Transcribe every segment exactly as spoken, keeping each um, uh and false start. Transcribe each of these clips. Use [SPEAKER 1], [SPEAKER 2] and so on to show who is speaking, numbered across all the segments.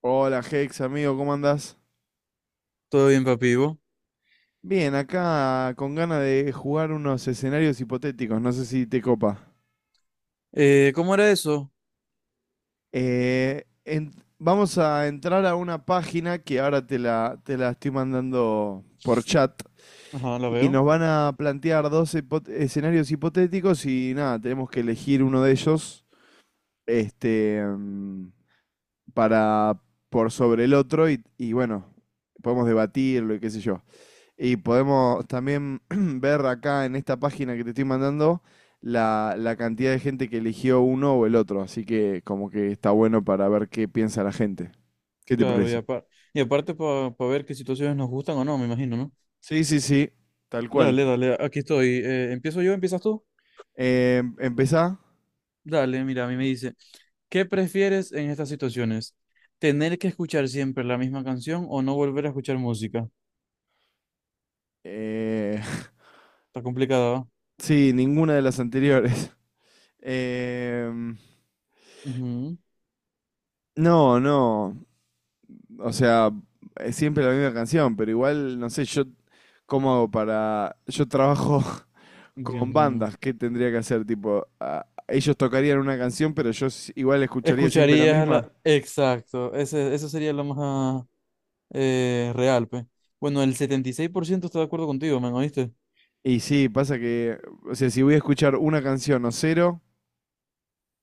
[SPEAKER 1] Hola Hex, amigo, ¿cómo andás?
[SPEAKER 2] Todo bien, papi. ¿Y vos?
[SPEAKER 1] Bien, acá con ganas de jugar unos escenarios hipotéticos, no sé si te copa.
[SPEAKER 2] Eh, ¿cómo era eso?
[SPEAKER 1] Eh, en- Vamos a entrar a una página que ahora te la, te la estoy mandando por chat,
[SPEAKER 2] Ajá, la
[SPEAKER 1] y
[SPEAKER 2] veo.
[SPEAKER 1] nos van a plantear dos hipo- escenarios hipotéticos y nada, tenemos que elegir uno de ellos este, mm, para, por sobre el otro y, y bueno, podemos debatirlo y qué sé yo. Y podemos también ver acá en esta página que te estoy mandando la, la cantidad de gente que eligió uno o el otro. Así que como que está bueno para ver qué piensa la gente. ¿Qué te
[SPEAKER 2] Claro, y,
[SPEAKER 1] parece?
[SPEAKER 2] apar- y aparte para ver qué situaciones nos gustan o no, me imagino, ¿no?
[SPEAKER 1] Sí, sí, sí, tal cual.
[SPEAKER 2] Dale, dale, aquí estoy. Eh, ¿empiezo yo? ¿Empiezas tú?
[SPEAKER 1] Eh, empezá.
[SPEAKER 2] Dale, mira, a mí me dice, ¿qué prefieres en estas situaciones? ¿Tener que escuchar siempre la misma canción o no volver a escuchar música?
[SPEAKER 1] Eh,
[SPEAKER 2] Está complicada, ¿va?
[SPEAKER 1] sí, ninguna de las anteriores. Em,
[SPEAKER 2] Ujú.
[SPEAKER 1] no, no. O sea, es siempre la misma canción, pero igual, no sé, yo cómo hago para... Yo trabajo.
[SPEAKER 2] Dios
[SPEAKER 1] Con
[SPEAKER 2] mío.
[SPEAKER 1] bandas, ¿qué tendría que hacer? Tipo, a- ellos tocarían una canción, pero yo s- igual escucharía siempre la
[SPEAKER 2] Escucharías la—
[SPEAKER 1] misma.
[SPEAKER 2] Exacto, ese, eso sería lo más eh, real, pues. Bueno, el setenta y seis por ciento está de acuerdo contigo, ¿me oíste?
[SPEAKER 1] Y sí, pasa que, o sea, si voy a escuchar una canción o cero,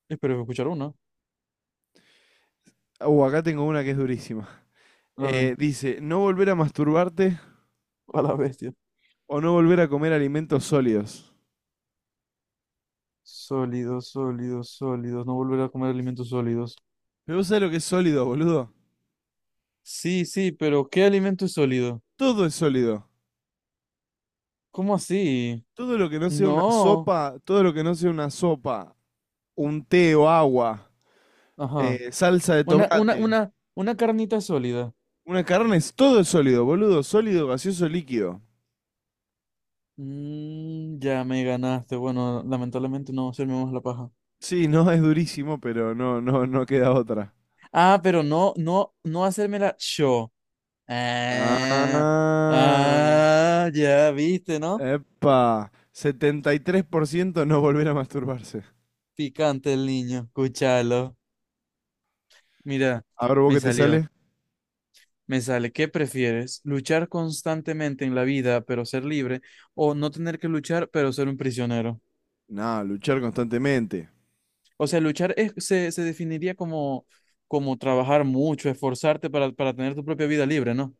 [SPEAKER 2] Espero escuchar una.
[SPEAKER 1] uh, acá tengo una que es durísima.
[SPEAKER 2] A ver,
[SPEAKER 1] Eh, dice, no volver a masturbarte
[SPEAKER 2] a la bestia.
[SPEAKER 1] o no volver a comer alimentos sólidos.
[SPEAKER 2] Sólidos, sólidos, sólidos. No volver a comer alimentos sólidos.
[SPEAKER 1] Pero vos sabés lo que es sólido, boludo.
[SPEAKER 2] Sí, sí, pero ¿qué alimento es sólido?
[SPEAKER 1] Todo es sólido.
[SPEAKER 2] ¿Cómo así?
[SPEAKER 1] Todo lo que no sea una
[SPEAKER 2] No.
[SPEAKER 1] sopa, todo lo que no sea una sopa, un té o agua,
[SPEAKER 2] Ajá.
[SPEAKER 1] eh, salsa de
[SPEAKER 2] Una, una,
[SPEAKER 1] tomate,
[SPEAKER 2] una, una carnita sólida.
[SPEAKER 1] una carne, es todo es sólido, boludo. Sólido, gaseoso, líquido.
[SPEAKER 2] Mm, ya me ganaste. Bueno, lamentablemente no hacerme más la paja.
[SPEAKER 1] Sí, no, es durísimo, pero no, no, no queda otra.
[SPEAKER 2] Ah, pero no, no, no hacérmela yo. Ah,
[SPEAKER 1] Ah,
[SPEAKER 2] ah, ya viste, ¿no?
[SPEAKER 1] epa, setenta y tres por ciento no volver a masturbarse.
[SPEAKER 2] Picante el niño. Escúchalo. Mira,
[SPEAKER 1] A ver, ¿vos
[SPEAKER 2] me
[SPEAKER 1] qué te
[SPEAKER 2] salió.
[SPEAKER 1] sale?
[SPEAKER 2] Me sale, ¿qué prefieres? ¿Luchar constantemente en la vida, pero ser libre? ¿O no tener que luchar, pero ser un prisionero?
[SPEAKER 1] No, luchar constantemente.
[SPEAKER 2] O sea, luchar es- se, se definiría como, como trabajar mucho, esforzarte para, para tener tu propia vida libre, ¿no?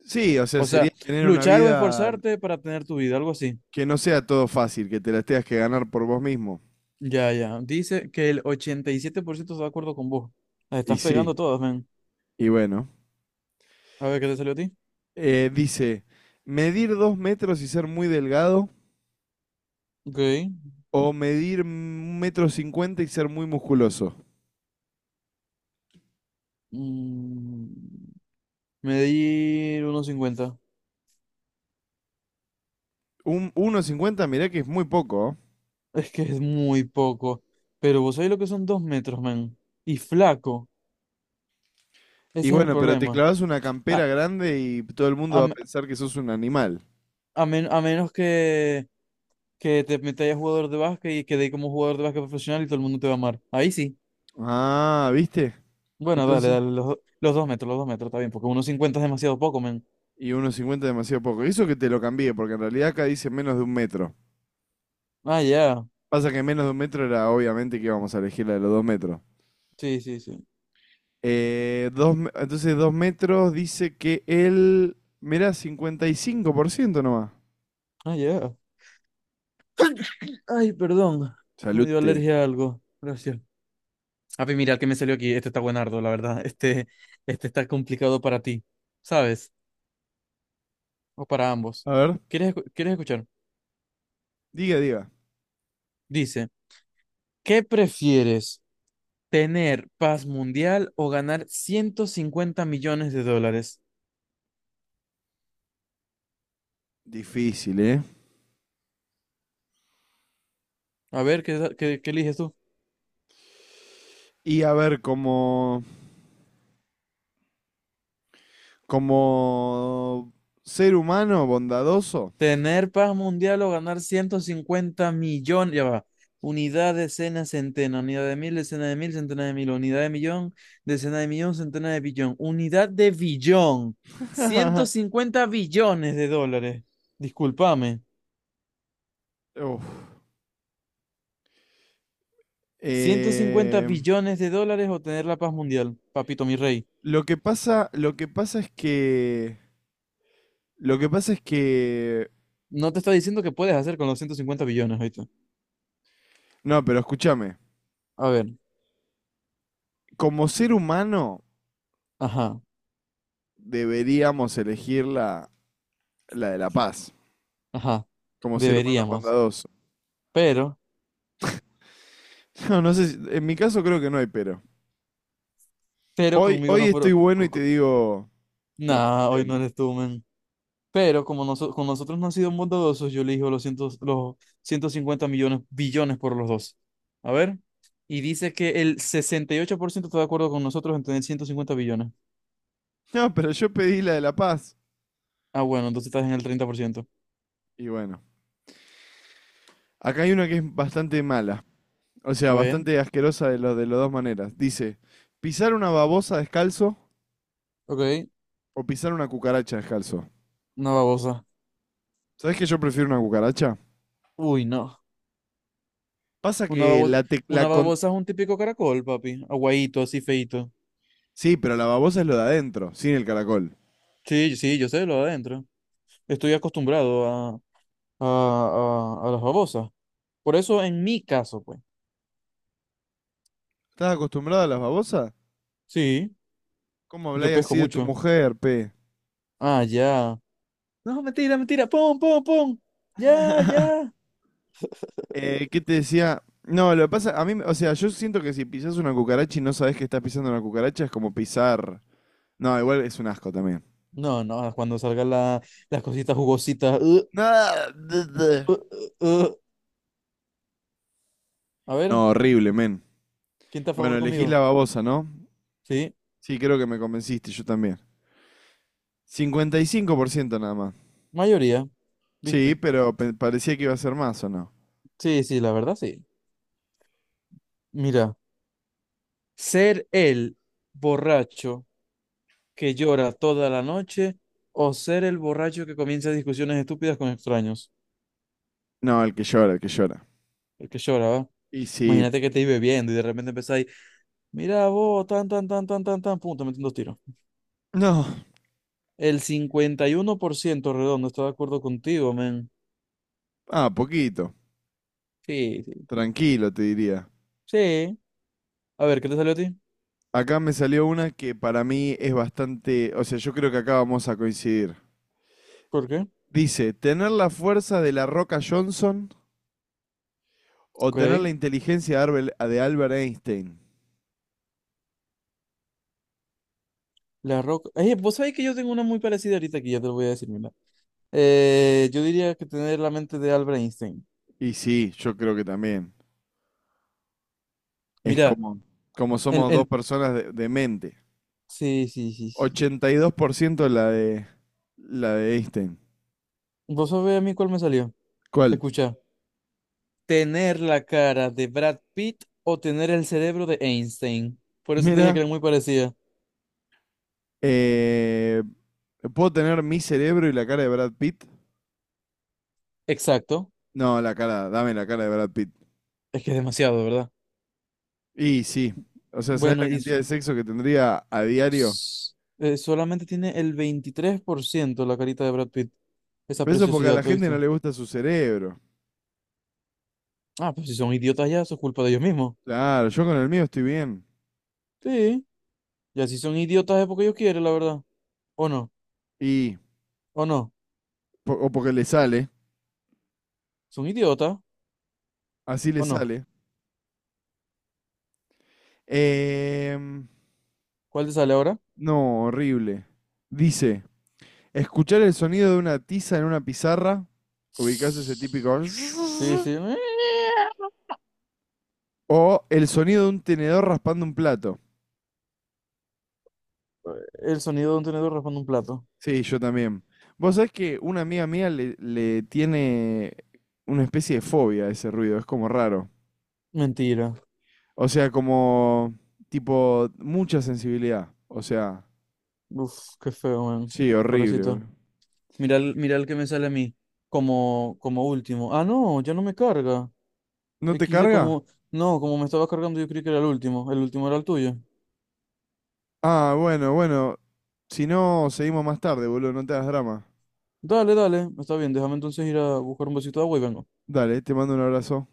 [SPEAKER 1] Sí, o sea,
[SPEAKER 2] O sea,
[SPEAKER 1] sería tener una
[SPEAKER 2] luchar o
[SPEAKER 1] vida
[SPEAKER 2] esforzarte para tener tu vida, algo así.
[SPEAKER 1] que no sea todo fácil, que te la tengas que ganar por vos mismo.
[SPEAKER 2] Ya, ya. Dice que el ochenta y siete por ciento está de acuerdo con vos. Las
[SPEAKER 1] Y
[SPEAKER 2] estás
[SPEAKER 1] sí,
[SPEAKER 2] pegando todas, ven.
[SPEAKER 1] y bueno.
[SPEAKER 2] A ver, ¿qué te salió a ti?
[SPEAKER 1] Eh, dice, medir dos metros y ser muy delgado
[SPEAKER 2] Ok.
[SPEAKER 1] o medir un metro cincuenta y ser muy musculoso.
[SPEAKER 2] Mm, Medir uno cincuenta.
[SPEAKER 1] Un uno cincuenta, mirá que es muy poco. ¿Oh?
[SPEAKER 2] Es que es muy poco. Pero vos sabés lo que son dos metros, man. Y flaco.
[SPEAKER 1] Y
[SPEAKER 2] Ese es el
[SPEAKER 1] bueno, pero te
[SPEAKER 2] problema.
[SPEAKER 1] clavas una
[SPEAKER 2] A,
[SPEAKER 1] campera grande y todo el mundo
[SPEAKER 2] a,
[SPEAKER 1] va a
[SPEAKER 2] me-
[SPEAKER 1] pensar que sos un animal.
[SPEAKER 2] a men- a menos que, que te metas a jugador de básquet y quedéis como jugador de básquet profesional y todo el mundo te va a amar. Ahí sí.
[SPEAKER 1] Ah, ¿viste?
[SPEAKER 2] Bueno, dale,
[SPEAKER 1] Entonces,
[SPEAKER 2] dale. Los, do- los dos metros, los dos metros, está bien. Porque uno cincuenta es demasiado poco, man.
[SPEAKER 1] y uno cincuenta es demasiado poco. Eso que te lo cambié, porque en realidad acá dice menos de un metro.
[SPEAKER 2] Ah, ya.
[SPEAKER 1] Pasa que menos de un metro era obviamente que íbamos a elegir la de los dos metros.
[SPEAKER 2] Sí, sí, sí.
[SPEAKER 1] Eh, dos, me- entonces, dos metros dice que él. Mirá, cincuenta y cinco por ciento nomás.
[SPEAKER 2] Ah, ya. Ay, perdón. Me dio
[SPEAKER 1] Salute.
[SPEAKER 2] alergia a algo. Gracias. Api, mira el que me salió aquí. Este está buenardo, la verdad. Este, este está complicado para ti. ¿Sabes? O para ambos.
[SPEAKER 1] A ver,
[SPEAKER 2] ¿Quieres, escu- quieres escuchar?
[SPEAKER 1] diga, diga.
[SPEAKER 2] Dice, ¿qué prefieres? ¿Tener paz mundial o ganar ciento cincuenta millones de dólares?
[SPEAKER 1] Difícil, ¿eh?
[SPEAKER 2] A ver, ¿qué, qué, qué eliges tú?
[SPEAKER 1] Y a ver, como. Como ser humano bondadoso.
[SPEAKER 2] ¿Tener paz mundial o ganar ciento cincuenta millones? Ya va. Unidad, decena, centena. Unidad de mil, decena de mil, centena de mil. Unidad de millón, decena de millón, centena de billón. Unidad de billón. ciento cincuenta billones de dólares. Discúlpame.
[SPEAKER 1] Uf.
[SPEAKER 2] ciento cincuenta
[SPEAKER 1] Eh,
[SPEAKER 2] billones de dólares o tener la paz mundial, papito mi rey.
[SPEAKER 1] lo que pasa, lo que pasa es que, lo que pasa es que,
[SPEAKER 2] No te está diciendo que puedes hacer con los ciento cincuenta billones ahorita.
[SPEAKER 1] no, pero escúchame,
[SPEAKER 2] A ver,
[SPEAKER 1] como ser humano
[SPEAKER 2] ajá,
[SPEAKER 1] deberíamos elegir la, la de la paz,
[SPEAKER 2] ajá,
[SPEAKER 1] como ser humano
[SPEAKER 2] deberíamos.
[SPEAKER 1] bondadoso.
[SPEAKER 2] Pero,
[SPEAKER 1] No, no sé, si- en mi caso creo que no hay pero.
[SPEAKER 2] pero
[SPEAKER 1] Hoy,
[SPEAKER 2] conmigo
[SPEAKER 1] hoy
[SPEAKER 2] no
[SPEAKER 1] estoy
[SPEAKER 2] fueron.
[SPEAKER 1] bueno y
[SPEAKER 2] co-
[SPEAKER 1] te
[SPEAKER 2] co-
[SPEAKER 1] digo la paz
[SPEAKER 2] Nah, hoy no
[SPEAKER 1] mundial.
[SPEAKER 2] eres tú, men. Pero como noso- con nosotros no han sido bondadosos, yo elijo los, cientos, los ciento cincuenta millones, billones por los dos. A ver, y dice que el sesenta y ocho por ciento está de acuerdo con nosotros en tener ciento cincuenta billones.
[SPEAKER 1] No, pero yo pedí la de la paz.
[SPEAKER 2] Ah, bueno, entonces estás en el treinta por ciento.
[SPEAKER 1] Y bueno, acá hay una que es bastante mala. O sea,
[SPEAKER 2] A ver,
[SPEAKER 1] bastante asquerosa de, lo, de las dos maneras. Dice, pisar una babosa descalzo
[SPEAKER 2] ok,
[SPEAKER 1] o pisar una cucaracha descalzo.
[SPEAKER 2] una babosa.
[SPEAKER 1] ¿Sabés que yo prefiero una cucaracha?
[SPEAKER 2] Uy, no.
[SPEAKER 1] Pasa
[SPEAKER 2] Una
[SPEAKER 1] que
[SPEAKER 2] babosa,
[SPEAKER 1] la, te la
[SPEAKER 2] una
[SPEAKER 1] con-
[SPEAKER 2] babosa es un típico caracol, papi. Aguadito, así feito.
[SPEAKER 1] Sí, pero la babosa es lo de adentro, sin el caracol.
[SPEAKER 2] Sí, sí, yo sé lo de adentro. Estoy acostumbrado a, a, a, a las babosas. Por eso, en mi caso, pues.
[SPEAKER 1] ¿Estás acostumbrada a las babosas?
[SPEAKER 2] Sí,
[SPEAKER 1] ¿Cómo
[SPEAKER 2] yo
[SPEAKER 1] habláis
[SPEAKER 2] pesco
[SPEAKER 1] así de tu
[SPEAKER 2] mucho.
[SPEAKER 1] mujer, pe?
[SPEAKER 2] Ah, ya. No, mentira, mentira. Pum, pum, pum. Ya, ya.
[SPEAKER 1] Eh, ¿qué te decía? No, lo que pasa, a mí, o sea, yo siento que si pisas una cucaracha y no sabés que estás pisando una cucaracha, es como pisar... No, igual es un asco también.
[SPEAKER 2] No, no, ah, cuando salgan la- las cositas jugositas. Uh,
[SPEAKER 1] No,
[SPEAKER 2] uh, uh, uh. A ver,
[SPEAKER 1] horrible, men.
[SPEAKER 2] ¿quién está a
[SPEAKER 1] Bueno,
[SPEAKER 2] favor
[SPEAKER 1] elegí la
[SPEAKER 2] conmigo?
[SPEAKER 1] babosa, ¿no?
[SPEAKER 2] Sí,
[SPEAKER 1] Sí, creo que me convenciste, yo también. Cincuenta y cinco por ciento nada más.
[SPEAKER 2] mayoría,
[SPEAKER 1] Sí,
[SPEAKER 2] ¿viste?
[SPEAKER 1] pero pe- parecía que iba a ser más, ¿o no?
[SPEAKER 2] Sí, sí, la verdad, sí. Mira. ¿Ser el borracho que llora toda la noche o ser el borracho que comienza discusiones estúpidas con extraños?
[SPEAKER 1] No, el que llora, el que llora.
[SPEAKER 2] El que llora, ¿va?
[SPEAKER 1] Y sí.
[SPEAKER 2] Imagínate que te ibas bebiendo y de repente empezáis, mira vos, tan, tan, tan, tan, tan, tan, pum, te meten dos tiros.
[SPEAKER 1] No.
[SPEAKER 2] El cincuenta y uno por ciento redondo está de acuerdo contigo, men.
[SPEAKER 1] Ah, poquito.
[SPEAKER 2] Sí, sí.
[SPEAKER 1] Tranquilo, te diría.
[SPEAKER 2] Sí. A ver, ¿qué te salió a ti?
[SPEAKER 1] Acá me salió una que para mí es bastante... O sea, yo creo que acá vamos a coincidir.
[SPEAKER 2] ¿Por qué?
[SPEAKER 1] Dice, ¿tener la fuerza de la Roca Johnson o tener
[SPEAKER 2] Ok.
[SPEAKER 1] la inteligencia de Arbel- de Albert Einstein?
[SPEAKER 2] La Roca. Eh, vos sabés que yo tengo una muy parecida ahorita aquí, ya te lo voy a decir, mira. Eh, yo diría que tener la mente de Albert Einstein.
[SPEAKER 1] Y sí, yo creo que también. Es
[SPEAKER 2] Mira,
[SPEAKER 1] como, como
[SPEAKER 2] el,
[SPEAKER 1] somos dos
[SPEAKER 2] el,
[SPEAKER 1] personas de de mente.
[SPEAKER 2] sí, sí, sí, sí.
[SPEAKER 1] ochenta y dos por ciento la de la de Einstein.
[SPEAKER 2] Vos sabés a mí cuál me salió.
[SPEAKER 1] ¿Cuál?
[SPEAKER 2] Escucha, tener la cara de Brad Pitt o tener el cerebro de Einstein. Por eso te dije
[SPEAKER 1] Mira,
[SPEAKER 2] que era muy parecida.
[SPEAKER 1] eh, ¿puedo tener mi cerebro y la cara de Brad Pitt?
[SPEAKER 2] Exacto.
[SPEAKER 1] No, la cara, dame la cara de Brad Pitt.
[SPEAKER 2] Es que es demasiado, ¿verdad?
[SPEAKER 1] Y sí, o sea, ¿sabés
[SPEAKER 2] Bueno,
[SPEAKER 1] la
[SPEAKER 2] y
[SPEAKER 1] cantidad
[SPEAKER 2] s-
[SPEAKER 1] de sexo que tendría a diario?
[SPEAKER 2] s- eh, solamente tiene el veintitrés por ciento la carita de Brad Pitt. Esa
[SPEAKER 1] Pero eso porque a
[SPEAKER 2] preciosidad,
[SPEAKER 1] la gente no
[SPEAKER 2] ¿oíste?
[SPEAKER 1] le gusta su cerebro.
[SPEAKER 2] Ah, pues si son idiotas ya, eso es culpa de ellos mismos.
[SPEAKER 1] Claro, yo con el mío estoy bien.
[SPEAKER 2] Sí, ya si son idiotas es porque ellos quieren, la verdad. ¿O no?
[SPEAKER 1] Y,
[SPEAKER 2] ¿O no?
[SPEAKER 1] po- o porque le sale,
[SPEAKER 2] ¿Son idiotas?
[SPEAKER 1] así le
[SPEAKER 2] ¿O no?
[SPEAKER 1] sale. Em,
[SPEAKER 2] ¿Cuál te sale ahora?
[SPEAKER 1] no, horrible. Dice, escuchar el sonido de una tiza en una pizarra. Ubicás ese típico.
[SPEAKER 2] Sí, sí. eh.
[SPEAKER 1] O el sonido de un tenedor raspando un plato.
[SPEAKER 2] El sonido de un tenedor raspando un plato.
[SPEAKER 1] Sí, yo también. Vos sabés que una amiga mía le, le tiene una especie de fobia a ese ruido. Es como raro.
[SPEAKER 2] Mentira.
[SPEAKER 1] O sea, como. Tipo, mucha sensibilidad. O sea,
[SPEAKER 2] Uf, qué feo, man.
[SPEAKER 1] sí, horrible,
[SPEAKER 2] Pobrecito.
[SPEAKER 1] boludo.
[SPEAKER 2] Mira, el- mira el que me sale a mí. Como, como último. Ah, no, ya no me carga.
[SPEAKER 1] ¿No te
[SPEAKER 2] equis de
[SPEAKER 1] carga?
[SPEAKER 2] como. No, como me estaba cargando, yo creí que era el último. El último era el tuyo.
[SPEAKER 1] Ah, bueno, bueno. Si no, seguimos más tarde, boludo. No te hagas drama.
[SPEAKER 2] Dale, dale. Está bien, déjame entonces ir a buscar un vasito de agua y vengo.
[SPEAKER 1] Dale, te mando un abrazo.